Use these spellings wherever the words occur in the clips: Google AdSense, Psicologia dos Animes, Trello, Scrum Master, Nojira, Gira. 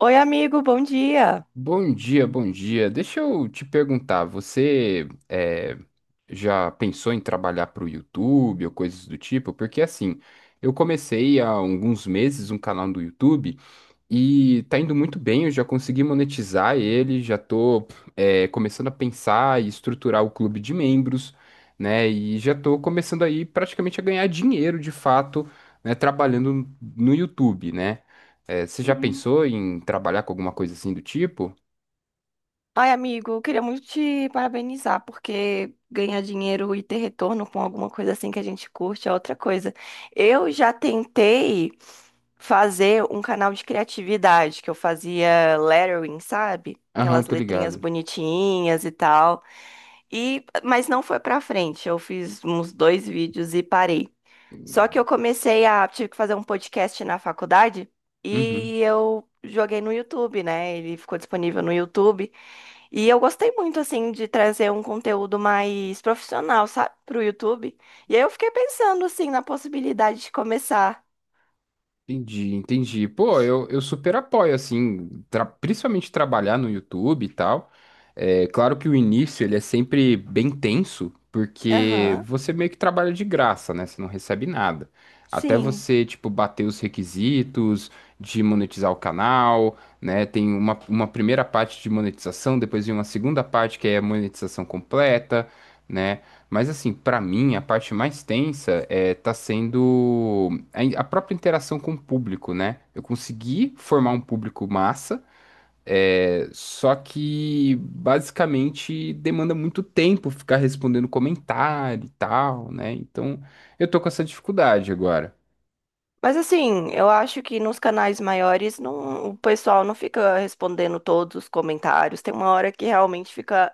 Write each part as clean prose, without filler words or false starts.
Oi, amigo, bom dia. Bom dia, bom dia. Deixa eu te perguntar, você já pensou em trabalhar para o YouTube ou coisas do tipo? Porque assim, eu comecei há alguns meses um canal do YouTube e tá indo muito bem, eu já consegui monetizar ele, já tô começando a pensar e estruturar o clube de membros, né? E já tô começando aí praticamente a ganhar dinheiro de fato, né, trabalhando no YouTube, né? Você já Uhum. pensou em trabalhar com alguma coisa assim do tipo? Ai, amigo, eu queria muito te parabenizar, porque ganhar dinheiro e ter retorno com alguma coisa assim que a gente curte é outra coisa. Eu já tentei fazer um canal de criatividade, que eu fazia lettering, sabe? Aham, Aquelas tô letrinhas ligado. bonitinhas e tal. E, mas não foi pra frente. Eu fiz uns dois vídeos e parei. Só que eu comecei a, tive que fazer um podcast na faculdade Uhum, e eu joguei no YouTube, né? Ele ficou disponível no YouTube. E eu gostei muito, assim, de trazer um conteúdo mais profissional, sabe, pro YouTube. E aí eu fiquei pensando, assim, na possibilidade de começar. entendi, entendi. Pô, eu super apoio, assim, principalmente trabalhar no YouTube e tal. É claro que o início ele é sempre bem tenso, porque Aham, você meio que trabalha de graça, né? Você não recebe nada. Até sim. você, tipo, bater os requisitos de monetizar o canal, né? Tem uma primeira parte de monetização, depois vem uma segunda parte que é a monetização completa, né? Mas assim, pra mim, a parte mais tensa é, tá sendo a própria interação com o público, né? Eu consegui formar um público massa, é, só que basicamente demanda muito tempo ficar respondendo comentário e tal, né? Então eu tô com essa dificuldade agora. Mas, assim, eu acho que nos canais maiores não, o pessoal não fica respondendo todos os comentários. Tem uma hora que realmente fica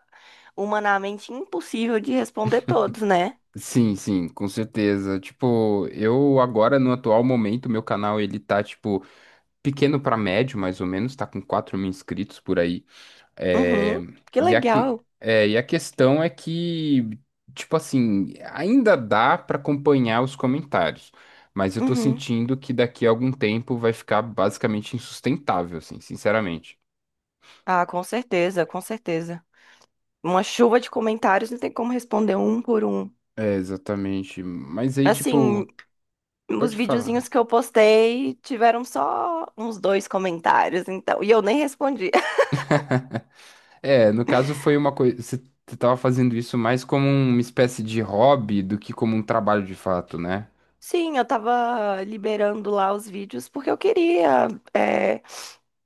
humanamente impossível de responder todos, né? Sim, sim, com certeza. Tipo, eu agora no atual momento, meu canal ele tá tipo pequeno pra médio, mais ou menos, tá com 4 mil inscritos por aí. É, Uhum, que legal. E a questão é que, tipo assim, ainda dá para acompanhar os comentários, mas eu tô Uhum. sentindo que daqui a algum tempo vai ficar basicamente insustentável, assim, sinceramente. Ah, com certeza, com certeza. Uma chuva de comentários não tem como responder um por um. É, exatamente. Mas aí, tipo, Assim, os pode falar. videozinhos que eu postei tiveram só uns dois comentários, então. E eu nem respondi. É, no caso foi uma coisa. Você tava fazendo isso mais como uma espécie de hobby do que como um trabalho de fato, né? Sim, eu tava liberando lá os vídeos porque eu queria é,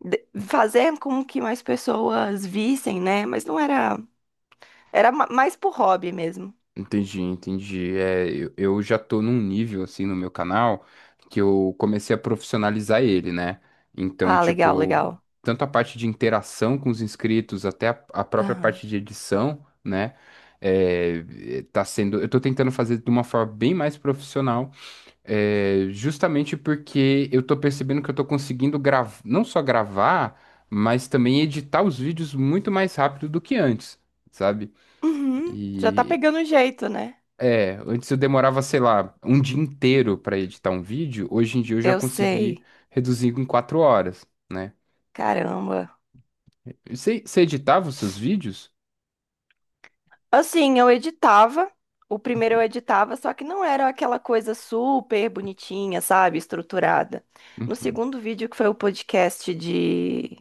de- fazer com que mais pessoas vissem, né? Mas não era. Era ma- mais por hobby mesmo. Entendi, entendi. É, eu já tô num nível assim no meu canal que eu comecei a profissionalizar ele, né? Então, Ah, legal, tipo, legal. tanto a parte de interação com os inscritos até a própria Aham. parte de edição, né? É, tá sendo, eu tô tentando fazer de uma forma bem mais profissional, é, justamente porque eu tô percebendo que eu tô conseguindo gravar, não só gravar, mas também editar os vídeos muito mais rápido do que antes, sabe? Uhum. Já tá E pegando jeito, né? é, antes eu demorava, sei lá, um dia inteiro para editar um vídeo, hoje em dia eu já Eu consegui sei. reduzir em 4 horas, né? Caramba. E você editava os seus vídeos? Assim, eu editava. O primeiro eu editava, só que não era aquela coisa super bonitinha, sabe? Estruturada. No Uhum, segundo vídeo, que foi o podcast de.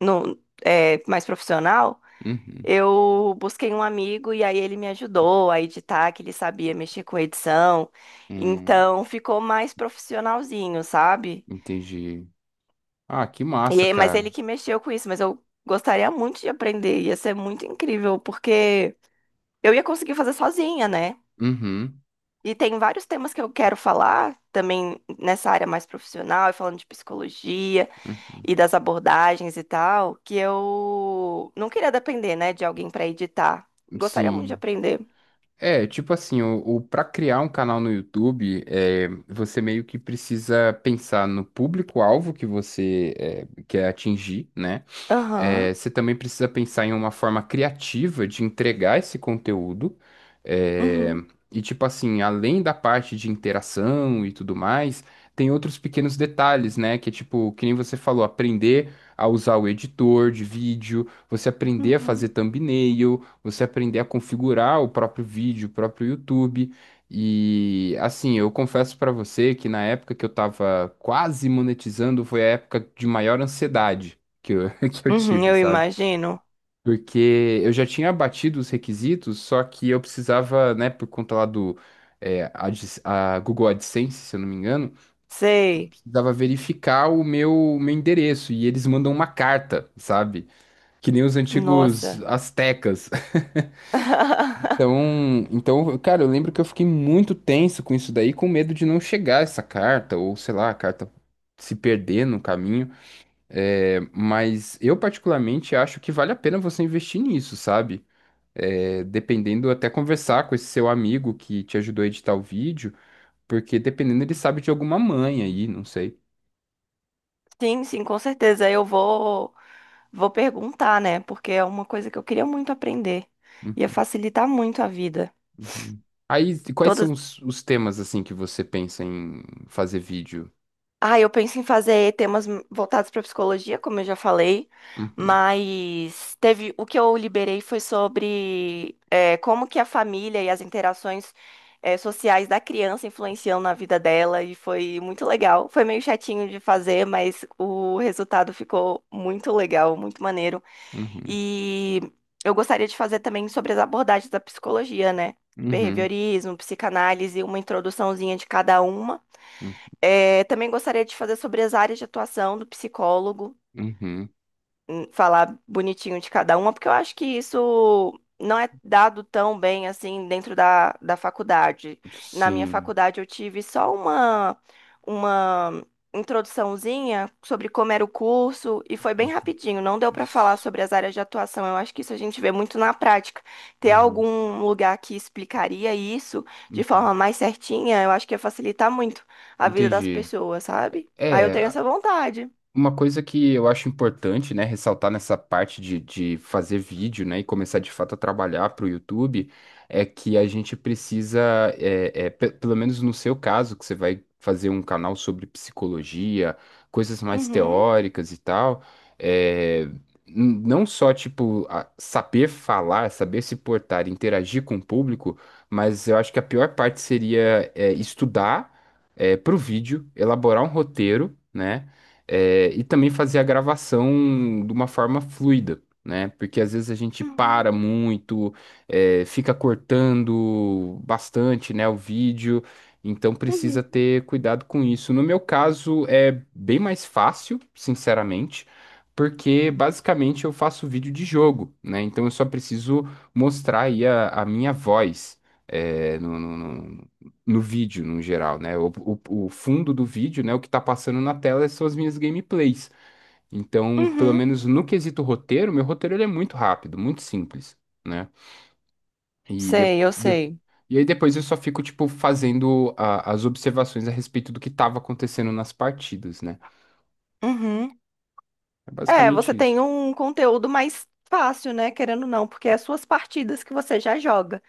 No, é, mais profissional, uhum, eu busquei um amigo e aí ele me ajudou a editar, que ele sabia mexer com edição. hum, Então ficou mais profissionalzinho, sabe? entendi. Ah, que E, massa, aí- mas ele cara. que mexeu com isso, mas eu gostaria muito de aprender. Ia ser muito incrível, porque eu ia conseguir fazer sozinha, né? Uhum, E tem vários temas que eu quero falar também nessa área mais profissional, e falando de psicologia uhum. e das abordagens e tal, que eu não queria depender, né, de alguém para editar. Gostaria muito de Sim. aprender. É, tipo assim, o para criar um canal no YouTube, é, você meio que precisa pensar no público-alvo que você é, quer atingir, né? Aham. É, você também precisa pensar em uma forma criativa de entregar esse conteúdo. É, Uhum. e, tipo assim, além da parte de interação e tudo mais, tem outros pequenos detalhes, né? Que é tipo, que nem você falou, aprender a usar o editor de vídeo, você aprender a fazer Uhum. thumbnail, você aprender a configurar o próprio vídeo, o próprio YouTube. E assim, eu confesso pra você que na época que eu tava quase monetizando foi a época de maior ansiedade que eu Uhum, tive, eu sabe? imagino. Porque eu já tinha batido os requisitos, só que eu precisava, né, por conta lá do a Google AdSense, se eu não me engano, Sei. precisava verificar o meu endereço e eles mandam uma carta, sabe? Que nem os antigos Nossa. astecas. Então, cara, eu lembro que eu fiquei muito tenso com isso daí, com medo de não chegar essa carta, ou sei lá, a carta se perder no caminho. É, mas eu particularmente acho que vale a pena você investir nisso, sabe? É, dependendo, até conversar com esse seu amigo que te ajudou a editar o vídeo, porque dependendo, ele sabe de alguma manha aí, não sei. Sim, sim, com certeza. Vou perguntar, né? Porque é uma coisa que eu queria muito aprender. Ia Hum, facilitar muito a vida. uhum. Aí, quais são Todas. os temas, assim, que você pensa em fazer vídeo? Ah, eu penso em fazer temas voltados para psicologia, como eu já falei, Uhum, mas teve o que eu liberei foi sobre como que a família e as interações sociais da criança influenciam na vida dela e foi muito legal. Foi meio chatinho de fazer, mas o resultado ficou muito legal, muito maneiro. uhum, E eu gostaria de fazer também sobre as abordagens da psicologia, né? uhum, Behaviorismo, psicanálise, uma introduçãozinha de cada uma. uhum, É, também gostaria de fazer sobre as áreas de atuação do psicólogo, uhum. Falar bonitinho de cada uma, porque eu acho que isso não é dado tão bem assim dentro da faculdade. Na minha Sim. faculdade eu tive só uma introduçãozinha sobre como era o curso e foi bem rapidinho, não deu para falar sobre as áreas de atuação. Eu acho que isso a gente vê muito na prática. Ter Uhum, algum lugar que explicaria isso de uhum. forma mais certinha, eu acho que ia facilitar muito a vida das Entendi. pessoas, sabe? Aí eu É, tenho essa vontade. uma coisa que eu acho importante, né, ressaltar nessa parte de fazer vídeo, né, e começar de fato a trabalhar para o YouTube, é que a gente precisa, pelo menos no seu caso, que você vai fazer um canal sobre psicologia, coisas mais Uhum, teóricas e tal, é, não só, tipo, saber falar, saber se portar, interagir com o público, mas eu acho que a pior parte seria, é, estudar, é, para o vídeo, elaborar um roteiro, né? É, e também fazer a gravação de uma forma fluida, né? Porque às vezes a gente para uhum, muito, é, fica cortando bastante, né, o vídeo, então precisa uhum. ter cuidado com isso. No meu caso, é bem mais fácil, sinceramente. Porque basicamente eu faço vídeo de jogo, né? Então eu só preciso mostrar aí a minha voz, é, no vídeo, no geral, né? O fundo do vídeo, né? O que tá passando na tela são as minhas gameplays. Então, pelo Uhum. menos no quesito roteiro, meu roteiro ele é muito rápido, muito simples, né? E, de, Sei, eu de- sei. e aí depois eu só fico, tipo, fazendo as observações a respeito do que tava acontecendo nas partidas, né? Uhum. É É, basicamente você tem isso. um conteúdo mais fácil, né? Querendo ou não, porque é as suas partidas que você já joga.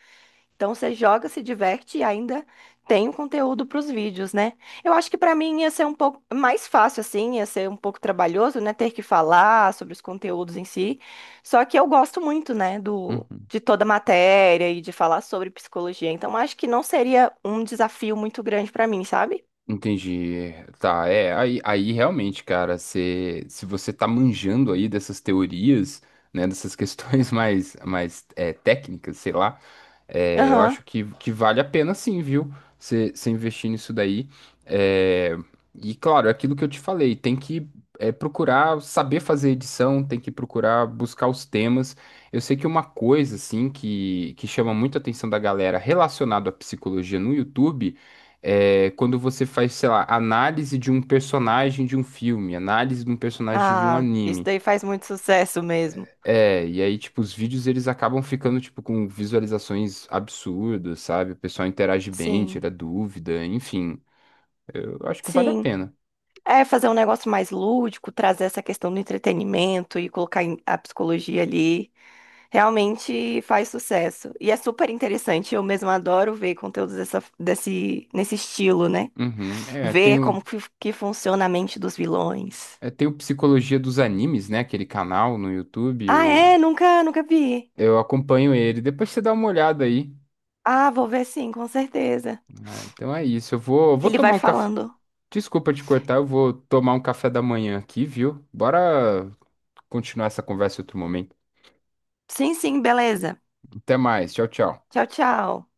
Então você joga, se diverte e ainda tem o conteúdo para os vídeos, né? Eu acho que para mim ia ser um pouco mais fácil, assim, ia ser um pouco trabalhoso, né? Ter que falar sobre os conteúdos em si. Só que eu gosto muito, né? Uhum. De toda a matéria e de falar sobre psicologia. Então acho que não seria um desafio muito grande para mim, sabe? Entendi. Tá, é, aí realmente, cara, se você tá manjando aí dessas teorias, né, dessas questões mais é, técnicas, sei lá. É, eu Aham. acho que vale a pena sim, viu? Você investir nisso daí. É, e claro, é aquilo que eu te falei, tem que é, procurar saber fazer edição, tem que procurar buscar os temas. Eu sei que uma coisa assim que chama muito a atenção da galera relacionado à psicologia no YouTube é quando você faz, sei lá, análise de um personagem de um filme, análise de um personagem de um Ah, isso anime. daí faz muito sucesso mesmo. É, e aí, tipo, os vídeos eles acabam ficando, tipo, com visualizações absurdas, sabe? O pessoal interage bem, Sim, tira dúvida, enfim. Eu acho que vale a sim. pena. É fazer um negócio mais lúdico, trazer essa questão do entretenimento e colocar em- a psicologia ali. Realmente faz sucesso. E é super interessante. Eu mesma adoro ver conteúdos nesse estilo, né? Uhum. É, Ver como que funciona a mente dos vilões. Tem o Psicologia dos Animes, né? Aquele canal no YouTube, Ah, é? Nunca vi. eu acompanho ele. Depois você dá uma olhada aí. Ah, vou ver sim, com certeza. Ah, então é isso, eu vou, Ele vai tomar um café. falando. Desculpa te cortar, eu vou tomar um café da manhã aqui, viu? Bora continuar essa conversa em outro momento. Sim, sim, beleza. Até mais, tchau, tchau. Tchau, tchau.